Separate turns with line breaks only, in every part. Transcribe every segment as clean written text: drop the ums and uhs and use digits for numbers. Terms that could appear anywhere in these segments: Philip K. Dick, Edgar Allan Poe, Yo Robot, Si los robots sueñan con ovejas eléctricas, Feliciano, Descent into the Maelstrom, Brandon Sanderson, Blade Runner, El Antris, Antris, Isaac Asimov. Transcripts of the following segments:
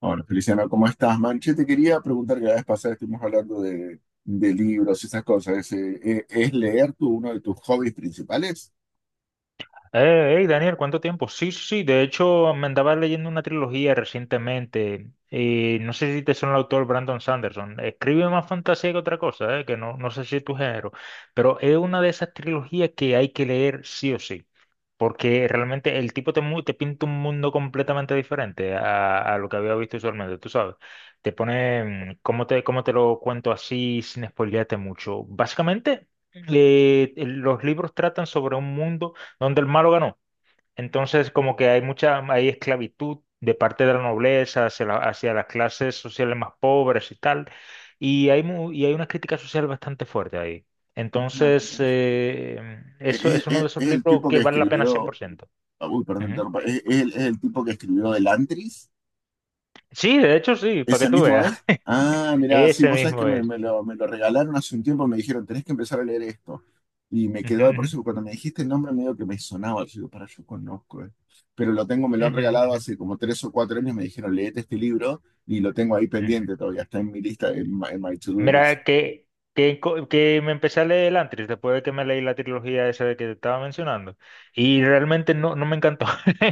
Hola, Feliciano, ¿cómo estás, man? Che, te quería preguntar que la vez pasada estuvimos hablando de libros y esas cosas. ¿Es leer tú uno de tus hobbies principales?
Hey, Daniel, ¿cuánto tiempo? Sí, sí, sí, de hecho me andaba leyendo una trilogía recientemente y no sé si te son el autor Brandon Sanderson. Escribe más fantasía que otra cosa, que no, no sé si es tu género, pero es una de esas trilogías que hay que leer sí o sí, porque realmente el tipo te, te pinta un mundo completamente diferente a lo que había visto usualmente, tú sabes. Te pone, cómo te lo cuento así sin spoilearte mucho? Básicamente, los libros tratan sobre un mundo donde el malo ganó. Entonces, como que hay mucha, hay esclavitud de parte de la nobleza hacia, hacia las clases sociales más pobres y tal, y hay, y hay una crítica social bastante fuerte ahí.
Es, Me
Entonces,
parece que-
eso
es-
es uno de
es-
esos
es el
libros
tipo
que
que
vale la pena
escribió.
100%.
Uy, perdón, te
Ujú.
interrumpa. ¿Es el tipo que escribió El Antris?
Sí, de hecho sí, para
¿Ese
que tú
mismo
veas.
es? Ah, mira, sí,
Ese
vos sabés que
mismo
me,
es.
me lo, me lo regalaron hace un tiempo. Me dijeron, tenés que empezar a leer esto. Y me
Ujú,
quedó, por
ujú,
eso cuando me dijiste el nombre medio que me sonaba, yo digo, para, yo conozco. Pero lo tengo, me lo han
ujú,
regalado
ujú,
hace como 3 o 4 años, me dijeron, leete este libro y lo tengo ahí
ujú.
pendiente todavía, está en mi lista, en my to-do list.
Mira, que me empecé a leer el Antris después de que me leí la trilogía esa de que te estaba mencionando. Y realmente no, no me encantó.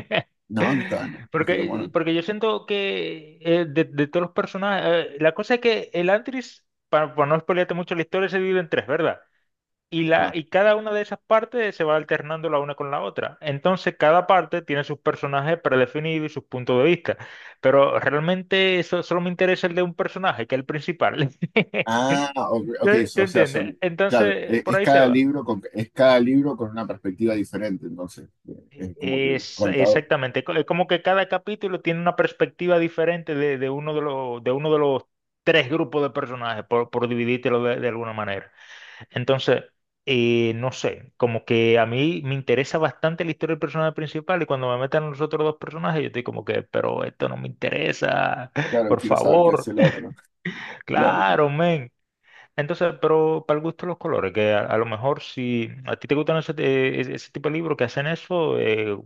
No, no está, no, no está tan
Porque,
bueno.
porque yo siento que de todos los personajes. La cosa es que el Antris, para no spoilearte mucho la historia, se divide en tres, ¿verdad? Y, la,
Ah,
y cada una de esas partes se va alternando la una con la otra. Entonces, cada parte tiene sus personajes predefinidos y sus puntos de vista. Pero realmente eso, solo me interesa el de un personaje, que es el principal.
Ah, ok, ok,
Te, te
o sea,
entiende.
son, claro,
Entonces, por ahí se va.
es cada libro con una perspectiva diferente, entonces, es como que
Es
contado.
exactamente. Es como que cada capítulo tiene una perspectiva diferente de, de uno de los tres grupos de personajes, por dividírtelo de alguna manera. Entonces, no sé, como que a mí me interesa bastante la historia del personaje principal y cuando me meten los otros dos personajes, yo estoy como que, pero esto no me interesa,
Claro,
por
quiero saber qué
favor,
hace el otro. Claro, claro.
claro, men. Entonces, pero para el gusto de los colores, que a lo mejor si a ti te gustan ese, ese tipo de libros que hacen eso,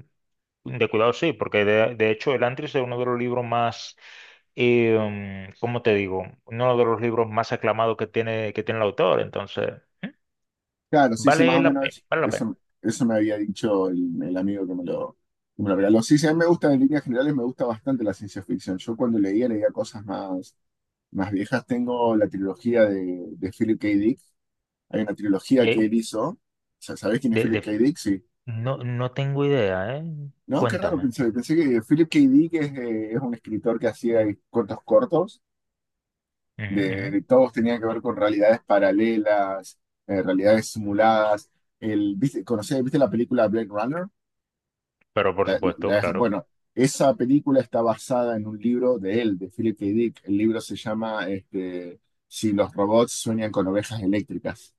de cuidado sí, porque de hecho el Antris es uno de los libros más, eh, ¿cómo te digo? Uno de los libros más aclamados que tiene el autor, entonces
Claro, sí, sí, más
vale
o
la
menos
pena, vale la pena.
eso, eso me había dicho el amigo que me lo regaló. Sí, sí, a mí me gustan en líneas generales, me gusta bastante la ciencia ficción. Yo cuando leía cosas más viejas. Tengo la trilogía de Philip K. Dick. Hay una trilogía que él
Que
hizo. O sea, ¿sabés quién es
de,
Philip
de-
K.
fi-
Dick? Sí.
no, no tengo idea, ¿eh?
No, qué raro
Cuéntame.
pensé. Pensé que Philip K. Dick es un escritor que hacía cortos cortos,
Ujú, ujú.
de todos tenían que ver con realidades paralelas, realidades simuladas. ¿Viste la película Blade Runner?
Pero por supuesto, claro.
Bueno, esa película está basada en un libro de él, de Philip K. Dick. El libro se llama Si los robots sueñan con ovejas eléctricas.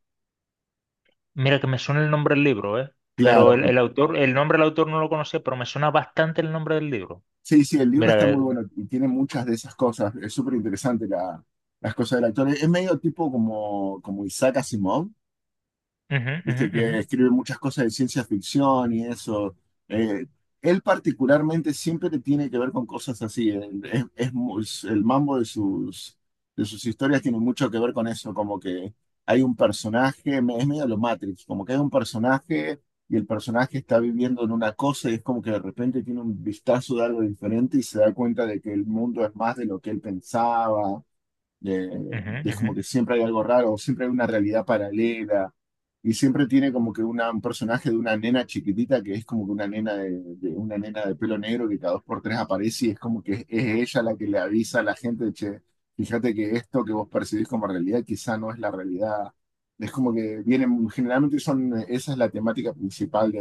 Mira que me suena el nombre del libro, ¿eh?
Claro,
Pero
bueno,
el autor, el nombre del autor no lo conocía, pero me suena bastante el nombre del libro.
sí, sí, el libro está
Mira,
muy bueno y tiene muchas de esas cosas. Es súper interesante las cosas del actor. Es medio tipo como Isaac Asimov,
ujú, ujú,
viste
ujú,
que escribe muchas cosas de ciencia ficción y eso. Eh, Él particularmente siempre te tiene que ver con cosas así. El mambo de sus historias tiene mucho que ver con eso, como que hay un personaje, es medio lo Matrix, como que hay un personaje y el personaje está viviendo en una cosa y es como que de repente tiene un vistazo de algo diferente y se da cuenta de que el mundo es más de lo que él pensaba. Eh,
ujú,
es como
ujú.
que siempre hay algo raro, siempre hay una realidad paralela. Y siempre tiene como que un personaje de una nena chiquitita que es como que una nena de pelo negro que cada dos por tres aparece y es como que ella la que le avisa a la gente, che, fíjate que esto que vos percibís como realidad quizá no es la realidad. Es como que vienen, generalmente son, esa es la temática principal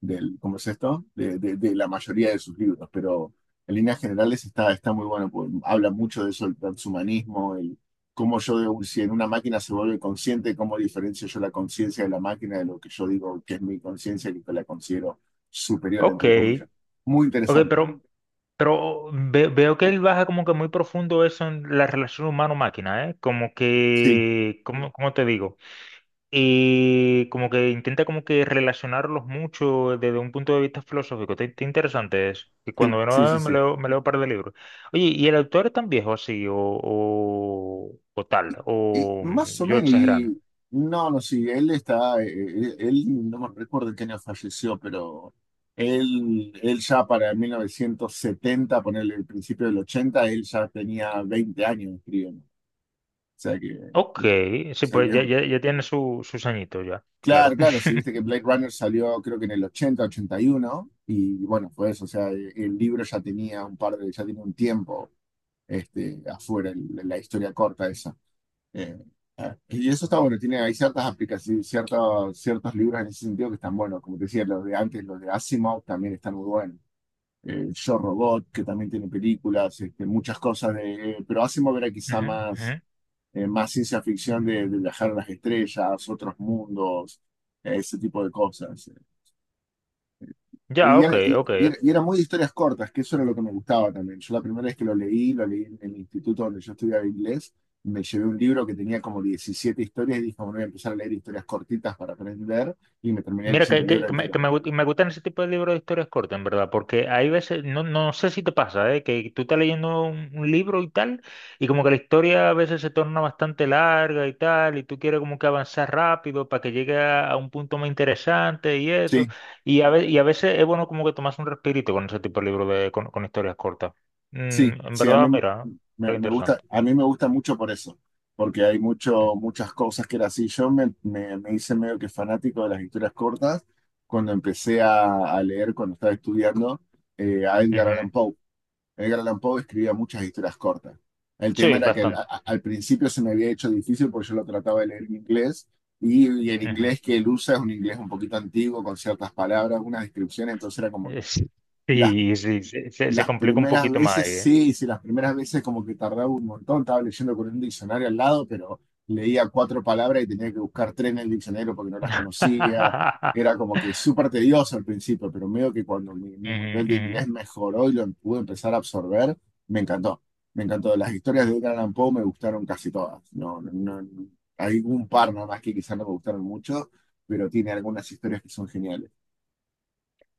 ¿cómo es esto? De la mayoría de sus libros, pero en líneas generales está muy bueno, porque habla mucho de eso, el transhumanismo, el cómo yo, de- si en una máquina se vuelve consciente, cómo diferencio yo la conciencia de la máquina de lo que yo digo que es mi conciencia y que la considero superior,
Ok,
entre comillas. Muy
ok,
interesante.
pero, veo que él baja como que muy profundo eso en la relación humano-máquina, ¿eh? Como
Sí,
que, ¿cómo, cómo te digo? Y como que intenta como que relacionarlos mucho desde un punto de vista filosófico. Está está interesante eso. Y
sí,
cuando
sí, sí,
no me
sí.
leo, me leo un par de libros. Oye, ¿y el autor es tan viejo así? O tal,
Y más o
yo
menos,
exagerando.
y no, no, sí, él está, no me recuerdo en qué año falleció, pero él ya para 1970, ponerle el principio del 80, él ya tenía 20 años escribiendo. O sea que,
Ok,
o
sí,
sea que
pues
es
ya, ya, ya tiene su, sus añitos ya,
claro,
claro.
claro, si viste que Blade Runner salió creo que en el 80, 81, y bueno, fue eso, el libro ya tenía ya tenía un tiempo afuera, la historia corta esa. Eh, y eso está bueno, hay ciertas aplicaciones, ciertos libros en ese sentido que están buenos, como te decía, los de antes, los de Asimov también están muy buenos. Yo Robot, que también tiene películas, muchas cosas pero Asimov era quizá
Ujú, ujú.
más ciencia ficción de viajar a las estrellas, otros mundos, ese tipo de cosas.
Ya,
Y
ok,
era, y-
ok.
y era- y era muy de historias cortas, que eso era lo que me gustaba también. Yo la primera vez que lo leí en el instituto donde yo estudiaba inglés, me llevé un libro que tenía como 17 historias y dije, bueno, voy a empezar a leer historias cortitas para aprender y me terminé
Mira,
leyendo el libro entero.
me gustan ese tipo de libros de historias cortas, en verdad, porque hay veces, no, no sé si te pasa, ¿eh? Que tú estás leyendo un libro y tal, y como que la historia a veces se torna bastante larga y tal, y tú quieres como que avanzar rápido para que llegue a un punto más interesante y eso,
Sí,
y a veces es bueno como que tomas un respirito con ese tipo de libros de, con historias cortas.
sí,
En
sí, a mí
verdad, mira, es interesante.
a mí me gusta mucho por eso, porque hay muchas cosas que era así. Yo me hice medio que fanático de las historias cortas cuando empecé a leer, cuando estaba estudiando, a Edgar Allan
Ujú.
Poe. Edgar Allan Poe escribía muchas historias cortas. El tema
Sí,
era que
bastante.
al principio se me había hecho difícil porque yo lo trataba de leer en inglés y el
Ujú.
inglés que él usa es un inglés un poquito antiguo con ciertas palabras, unas descripciones, entonces era como que
Es-
las
Sí, sí, se
las
complica un
primeras
poquito más
veces,
ahí, ¿eh?
sí, sí, las primeras veces como que tardaba un montón, estaba leyendo con un diccionario al lado, pero leía cuatro palabras y tenía que buscar tres en el diccionario porque no las conocía.
Ujú,
Era como que súper tedioso al principio, pero medio que cuando mi nivel de
ujú.
inglés mejoró y lo pude empezar a absorber, me encantó. Me encantó. Las historias de Edgar Allan Poe me gustaron casi todas. No, no, hay un par nada más que quizás no me gustaron mucho, pero tiene algunas historias que son geniales.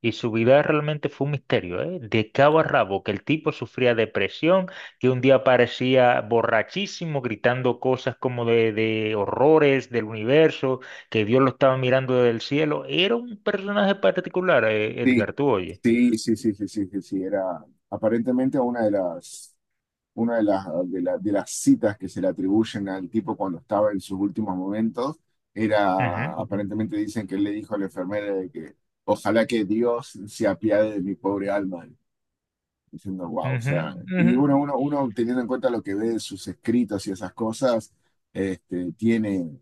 Y su vida realmente fue un misterio, ¿eh? De cabo a rabo, que el tipo sufría depresión, que un día parecía borrachísimo, gritando cosas como de horrores del universo, que Dios lo estaba mirando desde el cielo. Era un personaje particular,
Sí.
Edgar, tú oye.
Sí, sí, sí, sí, sí, sí, sí, era aparentemente una de las, de la- de las citas que se le atribuyen al tipo cuando estaba en sus últimos momentos,
Ujú,
aparentemente dicen que él le dijo a la enfermera de que ojalá que Dios se apiade de mi pobre alma diciendo, wow, o
ujú,
sea, y
ujú.
uno teniendo en cuenta lo que ve de sus escritos y esas cosas, este, tiene,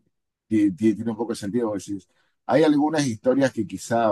tiene un poco de sentido. Porque decís, hay algunas historias que quizá,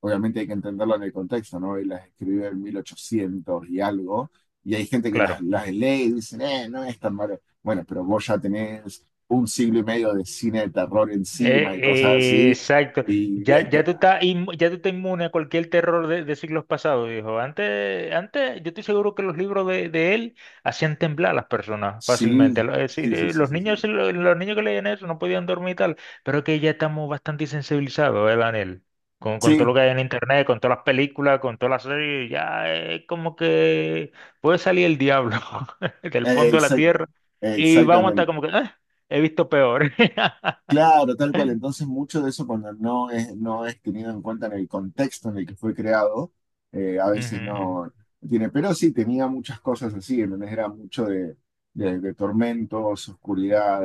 obviamente hay que entenderlo en el contexto, ¿no? Y las escribió en 1800 y algo, y hay gente que
Claro.
las lee y dicen, no es tan malo. Bueno, pero vos ya tenés un siglo y medio de cine de terror
Eh,
encima y cosas así,
exacto.
y
Ya,
ent-
ya tú estás inmune a cualquier terror de siglos pasados, dijo. Antes, antes, yo estoy seguro que los libros de él hacían temblar a las personas
sí,
fácilmente. Sí,
sí, sí,
sí,
sí,
los
sí. Sí,
niños, niños que leían eso no podían dormir y tal, pero que ya estamos bastante sensibilizados, ¿eh, Daniel? Con todo
sí,
lo que hay en internet, con todas las películas, con todas las series, ya es como que puede salir el diablo del
Eh,
fondo de la
exacta-
tierra y vamos a estar
exactamente.
como que, "Ah, he visto peor."
Claro, tal cual. Entonces, mucho de eso cuando no es tenido en cuenta en el contexto en el que fue creado, a veces
Ujú,
no tiene. Pero sí, tenía muchas cosas así. Entonces era mucho de tormentos, oscuridad,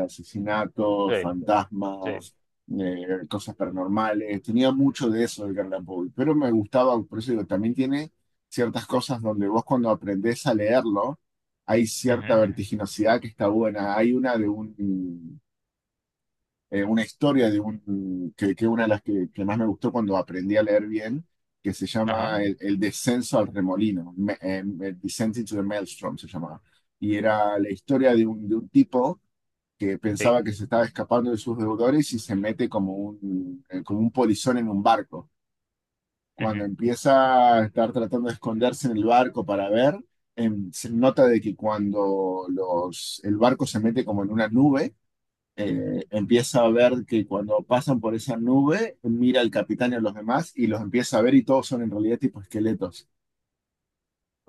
sí,
asesinatos,
sí.
fantasmas, cosas paranormales. Tenía mucho de eso el Garland Poe. Pero me gustaba, por eso digo, también tiene ciertas cosas donde vos cuando aprendés a leerlo, hay
Ujú,
cierta
ujú.
vertiginosidad que está buena. Hay una historia de un, que una de las que más me gustó cuando aprendí a leer bien, que se
Ujú.
llama
Ajá,
El descenso al remolino, el Descent into the Maelstrom se llamaba. Y era la historia de un, tipo que
sí.
pensaba que se estaba escapando de sus deudores y se mete como como un polizón en un barco. Cuando
Ujú,
empieza a estar tratando de esconderse en el barco para ver, se nota de que cuando el barco se mete como en una nube, empieza a ver que cuando pasan por esa nube, mira al capitán y a los demás y los empieza a ver y todos son en realidad tipo esqueletos.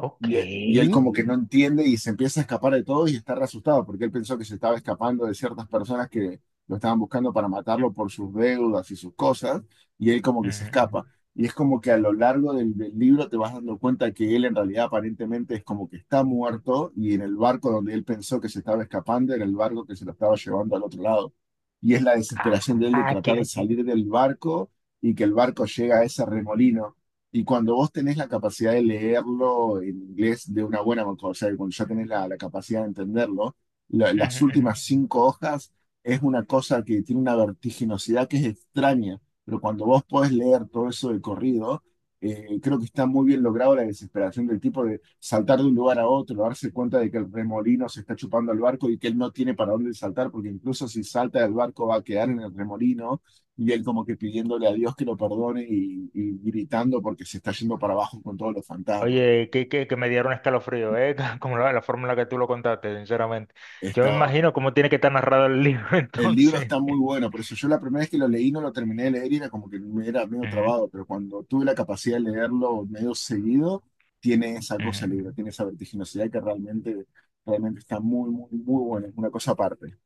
ok.
Y él
Ujú,
como que no entiende y se empieza a escapar de todos y está re asustado porque él pensó que se estaba escapando de ciertas personas que lo estaban buscando para matarlo por sus deudas y sus cosas y él como que se
ujú,
escapa. Y es como que a lo largo del libro te vas dando cuenta que él en realidad aparentemente es como que está muerto y en el barco donde él pensó que se estaba escapando era el barco que se lo estaba llevando al otro lado. Y es la desesperación de él de
ah,
tratar de
que...
salir del barco y que el barco llega a ese remolino y cuando vos tenés la capacidad de leerlo en inglés de una buena manera, o sea, cuando ya
ujú,
tenés la capacidad de entenderlo, las
ujú.
últimas
Ujú.
cinco hojas es una cosa que tiene una vertiginosidad que es extraña, pero cuando vos podés leer todo eso de corrido, creo que está muy bien logrado la desesperación del tipo de saltar de un lugar a otro, darse cuenta de que el remolino se está chupando al barco y que él no tiene para dónde saltar, porque incluso si salta del barco va a quedar en el remolino y él como que pidiéndole a Dios que lo perdone y gritando porque se está yendo para abajo con todos los fantasmas.
Oye, que me dieron escalofrío, ¿eh? Como la forma en la que tú lo contaste, sinceramente. Yo me
Está,
imagino cómo tiene que estar narrado el libro
el libro
entonces.
está muy bueno, por eso yo la primera vez que lo leí no lo terminé de leer y era como que me era medio
Ujú,
trabado, pero cuando tuve la capacidad de leerlo medio seguido, tiene esa
ujú,
cosa el libro,
ujú.
tiene esa vertiginosidad que realmente, realmente está muy, muy, muy buena, es una cosa aparte,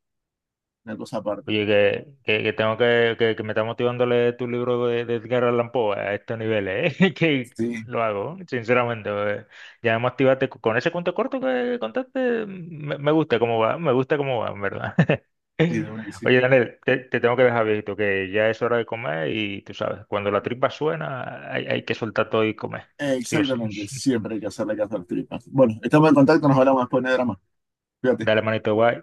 una cosa aparte.
Oye, que tengo que, que me está motivando a leer tu libro de Edgar Allan Poe a estos niveles, ¿eh? Que
Sí,
lo hago, sinceramente. Ya me activaste con ese cuento corto que contaste. Me gusta cómo va, me gusta cómo va, en verdad.
sí, de una que sí.
Oye, Daniel, te tengo que dejar, viejito, que ya es hora de comer y tú sabes, cuando la tripa suena, hay que soltar todo y comer, sí o sí.
Exactamente, siempre hay que hacerle caso a las tripas. Bueno, estamos en contacto, nos hablamos después de drama. Cuídate.
Dale, manito, guay.